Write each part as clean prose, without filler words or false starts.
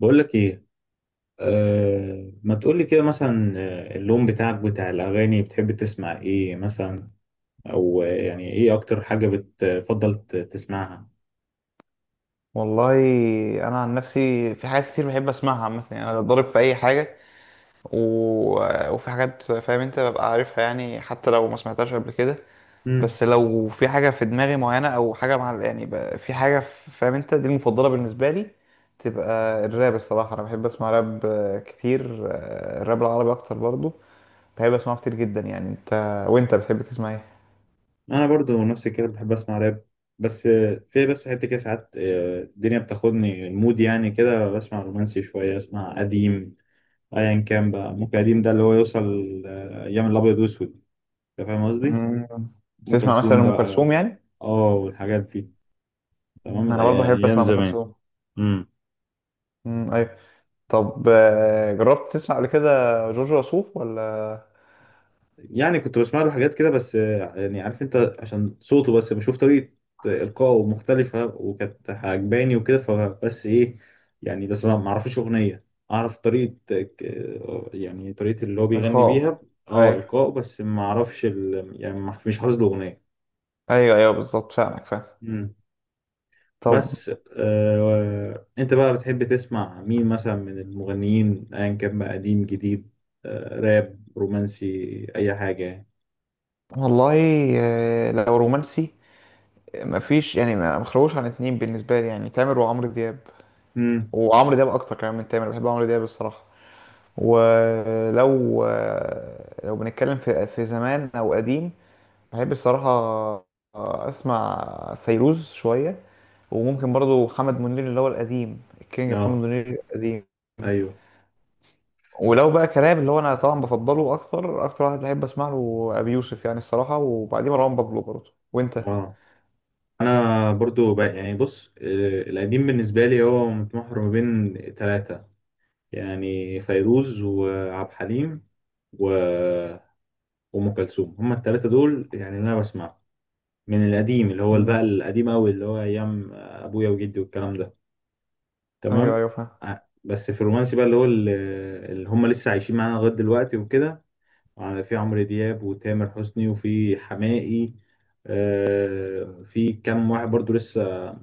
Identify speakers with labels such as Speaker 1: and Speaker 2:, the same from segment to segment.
Speaker 1: بقول لك ايه. أه، ما تقول لي كده مثلا، اللون بتاعك بتاع الاغاني بتحب تسمع ايه مثلا؟ او يعني ايه اكتر حاجه بتفضل تسمعها؟
Speaker 2: والله انا عن نفسي في حاجات كتير بحب اسمعها عامه، يعني انا ضارب في اي حاجه. و... وفي حاجات، فاهم انت، ببقى عارفها يعني حتى لو ما سمعتهاش قبل كده.
Speaker 1: امم.
Speaker 2: بس لو في حاجه في دماغي معينه او حاجه مع، يعني في حاجه فاهم انت دي المفضله بالنسبه لي. تبقى الراب. الصراحه انا بحب اسمع راب كتير، الراب العربي اكتر برضو. بحب اسمعه كتير جدا يعني. انت، وانت بتحب تسمع ايه؟
Speaker 1: انا برضو نفسي كده بحب اسمع راب. بس في بس حته كده ساعات، الدنيا بتاخدني المود، يعني كده بسمع رومانسي شويه، اسمع قديم. ايا كان بقى، ممكن قديم ده اللي هو يوصل ايام الابيض واسود. انت فاهم قصدي؟
Speaker 2: مم.
Speaker 1: ام
Speaker 2: بتسمع مثلا
Speaker 1: كلثوم
Speaker 2: ام
Speaker 1: بقى،
Speaker 2: كلثوم يعني؟
Speaker 1: اه، والحاجات دي. تمام،
Speaker 2: انا برضو بحب
Speaker 1: ايام
Speaker 2: اسمع ام
Speaker 1: زمان.
Speaker 2: كلثوم. مم، ايوه. طب جربت تسمع قبل كده جورج وسوف ولا؟
Speaker 1: يعني كنت بسمع له حاجات كده، بس يعني عارف انت، عشان صوته بس بشوف طريقة إلقائه مختلفة وكانت عجباني وكده، فبس ايه، يعني بس ما اعرفش أغنية. اعرف طريقة، يعني طريقة اللي هو بيغني
Speaker 2: عقاب.
Speaker 1: بيها. اه
Speaker 2: ايوه،
Speaker 1: إلقائه، بس ما اعرفش يعني مش حافظ له أغنية.
Speaker 2: ايوه ايوه بالظبط، فاهمك فاهم.
Speaker 1: مم.
Speaker 2: طب.
Speaker 1: بس آه، انت بقى بتحب تسمع مين مثلا من المغنيين؟ ايا كان بقى، قديم، جديد، آه، راب، رومانسي، اي حاجة يعني.
Speaker 2: والله، لو رومانسي، مفيش يعني ما خلوش عن اتنين بالنسبه لي، يعني تامر وعمرو دياب.
Speaker 1: امم.
Speaker 2: وعمرو دياب اكتر كمان من تامر، بحب عمرو دياب الصراحه. ولو لو بنتكلم في زمان او قديم، بحب الصراحه اسمع فيروز شويه. وممكن برضو محمد منير اللي هو القديم، الكينج محمد
Speaker 1: اه،
Speaker 2: منير القديم.
Speaker 1: ايوه.
Speaker 2: ولو بقى كلام، اللي هو انا طبعا بفضله، اكتر اكتر واحد بحب اسمع له ابي يوسف يعني الصراحه، وبعديه مروان بابلو برضه. وانت؟
Speaker 1: اه، انا برضو بقى، يعني بص، القديم بالنسبه لي هو متمحور ما بين ثلاثه، يعني فيروز وعبد الحليم و... وام كلثوم. هما الثلاثه دول يعني اللي انا بسمعهم من القديم، اللي هو
Speaker 2: مم.
Speaker 1: بقى القديم قوي، اللي هو ايام ابويا وجدي والكلام ده.
Speaker 2: ايوه
Speaker 1: تمام.
Speaker 2: ايوه فاهم.
Speaker 1: ع- بس في الرومانسي بقى، اللي هو اللي هما لسه عايشين معانا لغايه دلوقتي وكده، في عمرو دياب وتامر حسني وفي حماقي. في كام واحد برضو لسه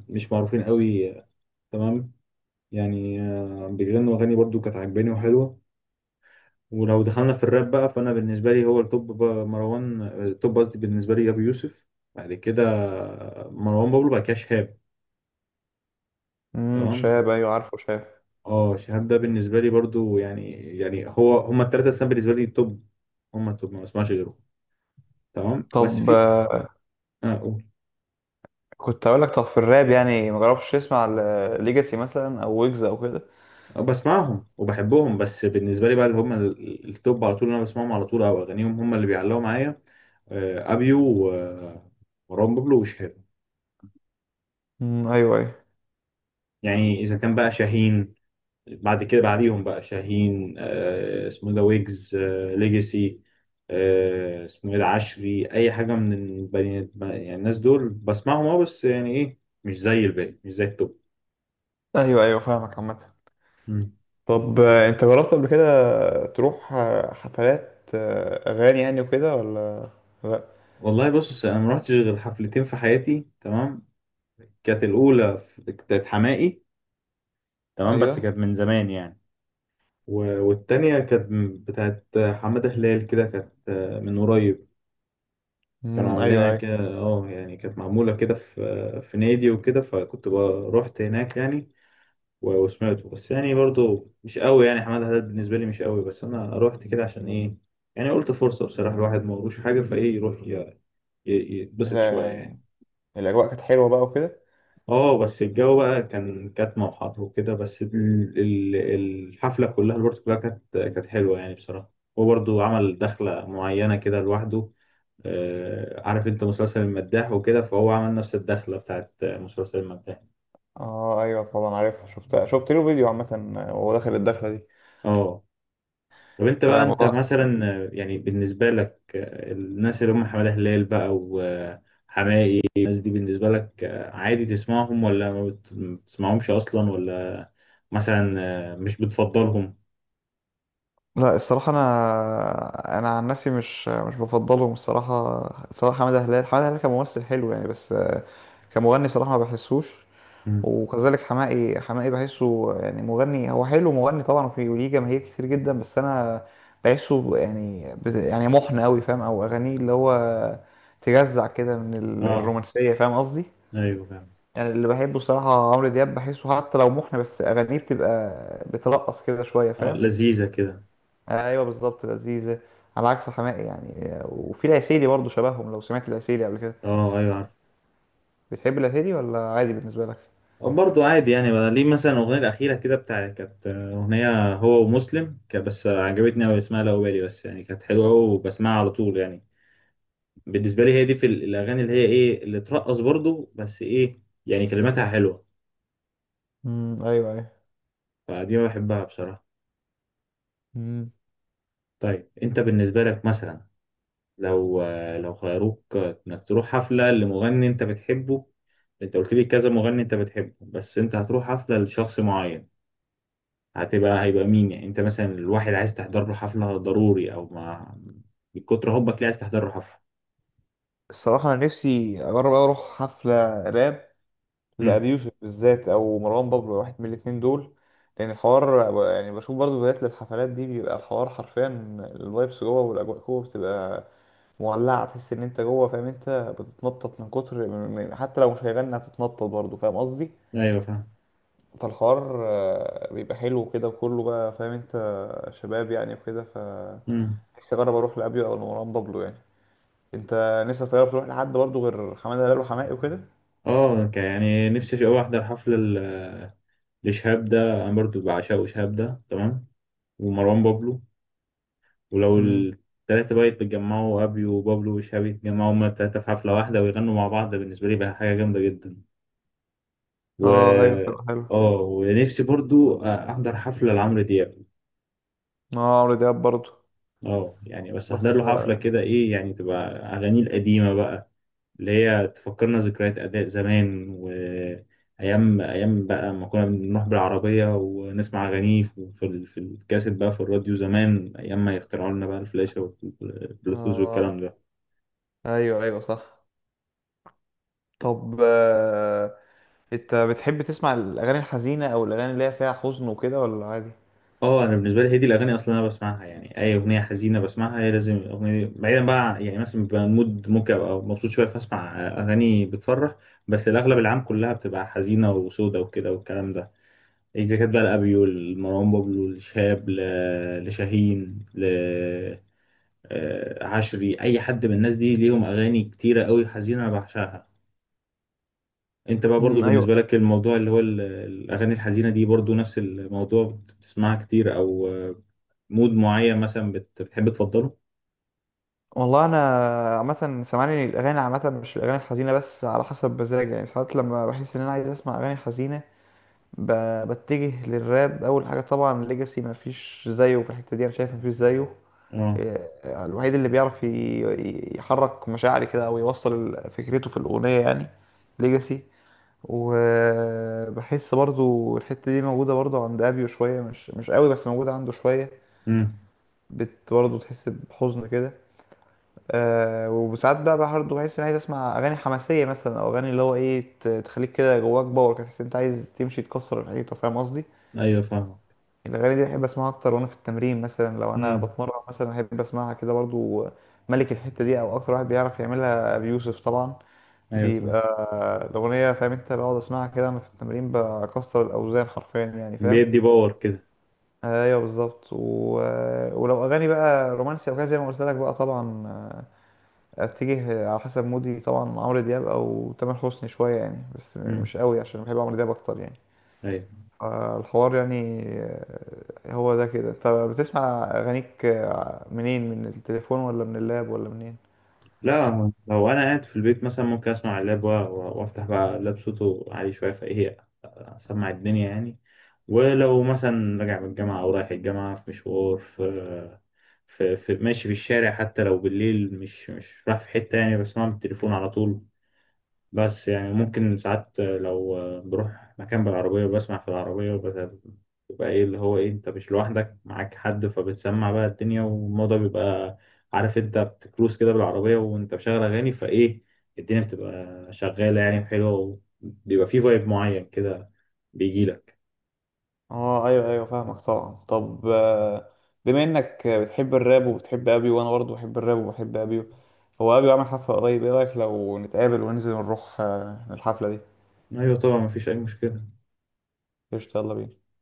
Speaker 1: مش معروفين قوي، تمام، يعني بيغنوا اغاني برضو كانت عجباني وحلوه. ولو دخلنا في الراب بقى، فانا بالنسبه لي هو التوب بقى مروان، التوب قصدي بالنسبه لي ابو يوسف، بعد كده مروان بابلو، بعد كده شهاب. تمام.
Speaker 2: شاب، ايوه عارفه شاب.
Speaker 1: اه، شهاب ده بالنسبه لي برضو يعني، يعني هو هما الثلاثه السنه بالنسبه لي توب، هما التوب، ما بسمعش غيرهم. تمام. بس
Speaker 2: طب
Speaker 1: في، اه قول.
Speaker 2: كنت اقول لك، طب في الراب يعني ما جربتش تسمع ليجاسي مثلا او ويجز او كده؟
Speaker 1: أه، بسمعهم وبحبهم، بس بالنسبه لي بقى اللي هم التوب على طول، اللي انا بسمعهم على طول، او اغانيهم هم اللي بيعلقوا معايا، ابيو ومروان بابلو وشهاب.
Speaker 2: ايوه ايوه.
Speaker 1: يعني اذا كان بقى شاهين، بعد كده بعديهم بقى شاهين، اسمه إيه ده، ويجز، ليجاسي، اسمه ايه ده، عشري، اي حاجه من البني، يعني الناس دول بسمعهم اه، بس يعني ايه، مش زي الباقي، مش زي التوب.
Speaker 2: ايوه ايوه فاهمك عامه.
Speaker 1: مم.
Speaker 2: طب انت جربت قبل كده تروح حفلات اغاني يعني وكده ولا لا؟
Speaker 1: والله بص، انا ما رحتش غير حفلتين في حياتي، تمام. كانت الاولى بتاعت حماقي، تمام، بس
Speaker 2: ايوه.
Speaker 1: كانت من زمان يعني. والتانية كانت بتاعت حمادة هلال، كده كانت من قريب. كانوا عاملينها
Speaker 2: ايوه ايوه.
Speaker 1: كده اه، يعني كانت معمولة كده في نادي وكده، رحت هناك يعني، وسمعته، بس يعني برضو مش قوي، يعني حمادة هلال بالنسبة لي مش قوي، بس أنا رحت كده عشان إيه، يعني قلت فرصة بصراحة، الواحد ما وروش حاجة، فإيه يروح يتبسط شوية
Speaker 2: لا،
Speaker 1: يعني.
Speaker 2: الاجواء كانت حلوه بقى وكده.
Speaker 1: اه، بس الجو بقى كان كاتمة وحر وكده، بس الحفلة كلها، الورد كلها، كانت حلوة يعني بصراحة. هو برضه عمل دخلة معينة كده لوحده، عارف انت مسلسل المداح وكده، فهو عمل نفس الدخلة بتاعت مسلسل المداح.
Speaker 2: اه ايوه طبعا عارفها، شفت شفت له فيديو عامة وهو داخل الدخلة دي.
Speaker 1: اه. طب انت بقى، انت
Speaker 2: فالموضوع،
Speaker 1: مثلا يعني بالنسبة لك، الناس اللي هم حمادة هلال بقى وحماقي، الناس دي بالنسبة لك عادي تسمعهم، ولا ما بتسمعهمش أصلا، ولا مثلا مش بتفضلهم؟
Speaker 2: لا الصراحة، أنا عن نفسي مش بفضلهم الصراحة. سواء حمادة هلال، حمادة هلال كممثل حلو يعني، بس كمغني صراحة ما بحسوش. وكذلك حماقي، حماقي بحسه يعني مغني هو، حلو مغني طبعا وفي ليه جماهير كتير جدا، بس أنا بحسه يعني يعني محن أوي فاهم، أو أغانيه اللي هو تجزع كده من
Speaker 1: اه،
Speaker 2: الرومانسية، فاهم قصدي.
Speaker 1: ايوه فاهم.
Speaker 2: يعني اللي بحبه الصراحة عمرو دياب، بحسه حتى لو محن بس أغانيه بتبقى بترقص كده شوية،
Speaker 1: اه
Speaker 2: فاهم.
Speaker 1: لذيذة كده.
Speaker 2: أيوه بالظبط لذيذة. على عكس حماقي يعني. وفي العسيلي برضه شبههم، لو سمعت العسيلي قبل كده.
Speaker 1: اه ايوه عارف.
Speaker 2: بتحب العسيلي ولا عادي بالنسبة لك؟
Speaker 1: برضه عادي يعني، بقى ليه مثلا الأغنية الأخيرة كده بتاع، كانت أغنية هو ومسلم، بس عجبتني أوي، اسمها لو بالي، بس يعني كانت حلوة أوي وبسمعها على طول يعني. بالنسبة لي هي دي في الأغاني اللي هي إيه، اللي ترقص برضه، بس إيه، يعني كلماتها حلوة،
Speaker 2: ايوه ايوه.
Speaker 1: فدي ما بحبها بصراحة.
Speaker 2: امم.
Speaker 1: طيب أنت بالنسبة لك مثلا، لو لو خيروك إنك تروح حفلة لمغني أنت بتحبه، أنت قلت لي كذا مغني أنت بتحبه، بس أنت هتروح حفلة لشخص معين، هيبقى مين يعني؟ انت مثلا الواحد عايز تحضر له حفلة ضروري، او ما من كتر حبك ليه عايز تحضر له حفلة.
Speaker 2: الصراحة أنا نفسي أجرب أوي أروح حفلة راب
Speaker 1: امم،
Speaker 2: لأبي يوسف بالذات أو مروان بابلو، واحد من الاتنين دول. لأن الحوار يعني، بشوف برضه فيديوهات للحفلات دي، بيبقى الحوار حرفيا الفايبس جوه والأجواء جوه بتبقى مولعة. تحس ان انت جوه فاهم انت، بتتنطط من كتر حتى لو مش هيغني هتتنطط برضه، فاهم قصدي.
Speaker 1: ايوه فاهم.
Speaker 2: فالحوار بيبقى حلو كده، وكله بقى فاهم انت شباب يعني وكده. ف
Speaker 1: امم.
Speaker 2: نفسي اجرب اروح لابيو او لمروان بابلو يعني. انت نفسك تجرب تروح لحد برضه غير حماده هلال وحماقي وكده؟
Speaker 1: اه يعني نفسي قوي احضر حفلة لشهاب ده، انا برضو بعشقه شهاب ده، تمام، ومروان بابلو. ولو
Speaker 2: مم.
Speaker 1: التلاتة بقى يتجمعوا، ابيو وبابلو وشهاب يتجمعوا هما التلاتة في حفلة واحدة ويغنوا مع بعض، ده بالنسبة لي بقى حاجة جامدة جدا.
Speaker 2: اه ايوه
Speaker 1: و
Speaker 2: تبقى حلو.
Speaker 1: اه، ونفسي برضو احضر حفلة لعمرو دياب.
Speaker 2: اه عمرو دياب برضه.
Speaker 1: اه يعني بس احضر
Speaker 2: بس
Speaker 1: له حفلة كده، ايه يعني، تبقى اغانيه القديمة بقى، اللي هي تفكرنا ذكريات اداء زمان، وايام ايام بقى ما كنا بنروح بالعربية ونسمع اغانيه في في الكاسيت بقى، في الراديو زمان، ايام ما يخترعوا لنا بقى الفلاشة والبلوتوز والكلام
Speaker 2: اه
Speaker 1: ده.
Speaker 2: ايوه ايوه صح. طب انت بتحب تسمع الاغاني الحزينه، او الاغاني اللي هي فيها حزن وكده، ولا عادي؟
Speaker 1: اه انا بالنسبة لي هي دي الاغاني اصلا انا بسمعها، يعني اي اغنية حزينة بسمعها هي، لازم الاغنية دي. بعيدا بقى، يعني مثلا بيبقى مود ممكن ابقى مبسوط شوية فاسمع اغاني بتفرح، بس الاغلب العام كلها بتبقى حزينة وسودة وكده والكلام ده، إذا كانت بقى لأبيو، لمروان بابلو، لشهاب، لشاهين، عشري، أي حد من الناس دي ليهم أغاني كتيرة قوي حزينة أنا بعشقها. أنت بقى برضو
Speaker 2: مم، ايوه.
Speaker 1: بالنسبة لك الموضوع اللي هو الأغاني الحزينة دي برضو نفس الموضوع، بتسمعها كتير، أو مود معين مثلا بتحب تفضله؟
Speaker 2: والله انا عامه، سامعني الاغاني عامه مش الاغاني الحزينه بس، على حسب مزاجي يعني. ساعات لما بحس ان انا عايز اسمع اغاني حزينه، ب... بتجه للراب اول حاجه. طبعا ليجاسي مفيش زيه في الحته دي، انا شايف مفيش زيه.
Speaker 1: اه.
Speaker 2: إيه، الوحيد اللي بيعرف يحرك مشاعري كده، او يوصل فكرته في الاغنيه يعني، ليجاسي. وبحس برضو الحته دي موجوده برضو عند ابيو شويه، مش قوي بس موجوده عنده شويه.
Speaker 1: امم.
Speaker 2: بت برضو تحس بحزن كده. آه وساعات بقى برضه بحس اني عايز اسمع اغاني حماسيه مثلا، او اغاني اللي هو ايه، تخليك كده جواك باور كده، تحس إن انت عايز تمشي تكسر الحيطه، فاهم قصدي.
Speaker 1: أيوه فاهمك.
Speaker 2: الاغاني دي بحب اسمعها اكتر، وانا في التمرين مثلا، لو انا
Speaker 1: امم.
Speaker 2: بتمرن مثلا بحب اسمعها كده برضه. ملك الحته دي او اكتر واحد بيعرف يعملها بيوسف طبعا.
Speaker 1: أيوه طبعا.
Speaker 2: بيبقى الاغنيه فاهم انت، بقعد اسمعها كده انا في التمرين، بكسر الاوزان حرفيا يعني، فاهم.
Speaker 1: بيدي باور كده.
Speaker 2: ايوه بالظبط. ولو اغاني بقى رومانسي او كده، زي ما قلت لك بقى طبعا اتجه على حسب مودي. طبعا عمرو دياب او تامر حسني شويه يعني، بس
Speaker 1: امم.
Speaker 2: مش قوي عشان بحب عمرو دياب اكتر يعني.
Speaker 1: أيوه.
Speaker 2: الحوار يعني. هو ده كده. انت بتسمع اغانيك منين، من التليفون ولا من اللاب ولا منين؟
Speaker 1: لا، هو لو أنا قاعد في البيت مثلا ممكن أسمع اللاب، وأفتح بقى اللاب صوته عالي شوية، فإيه، أسمع الدنيا يعني. ولو مثلا راجع من الجامعة أو رايح الجامعة في مشوار، في ماشي في الشارع، حتى لو بالليل مش رايح في حتة يعني، بسمع من التليفون على طول. بس يعني ممكن ساعات لو بروح مكان بالعربية، وبسمع في العربية، بيبقى ايه، اللي هو ايه، انت مش لوحدك معاك حد، فبتسمع بقى الدنيا، والموضوع بيبقى، عارف انت، بتكروز كده بالعربية وانت مشغل اغاني، فايه الدنيا بتبقى شغالة يعني، حلوة، وبيبقى فيه فايب معين كده بيجيلك.
Speaker 2: اه ايوه ايوه فاهمك طبعا. طب بما انك بتحب الراب وبتحب ابيو، وانا برضه بحب الراب وبحب ابيو، هو ابيو عامل حفله قريب، ايه رايك لو نتقابل وننزل نروح الحفله دي؟
Speaker 1: ايوه طبعا مفيش اي مشكلة.
Speaker 2: قشطة يلا بينا.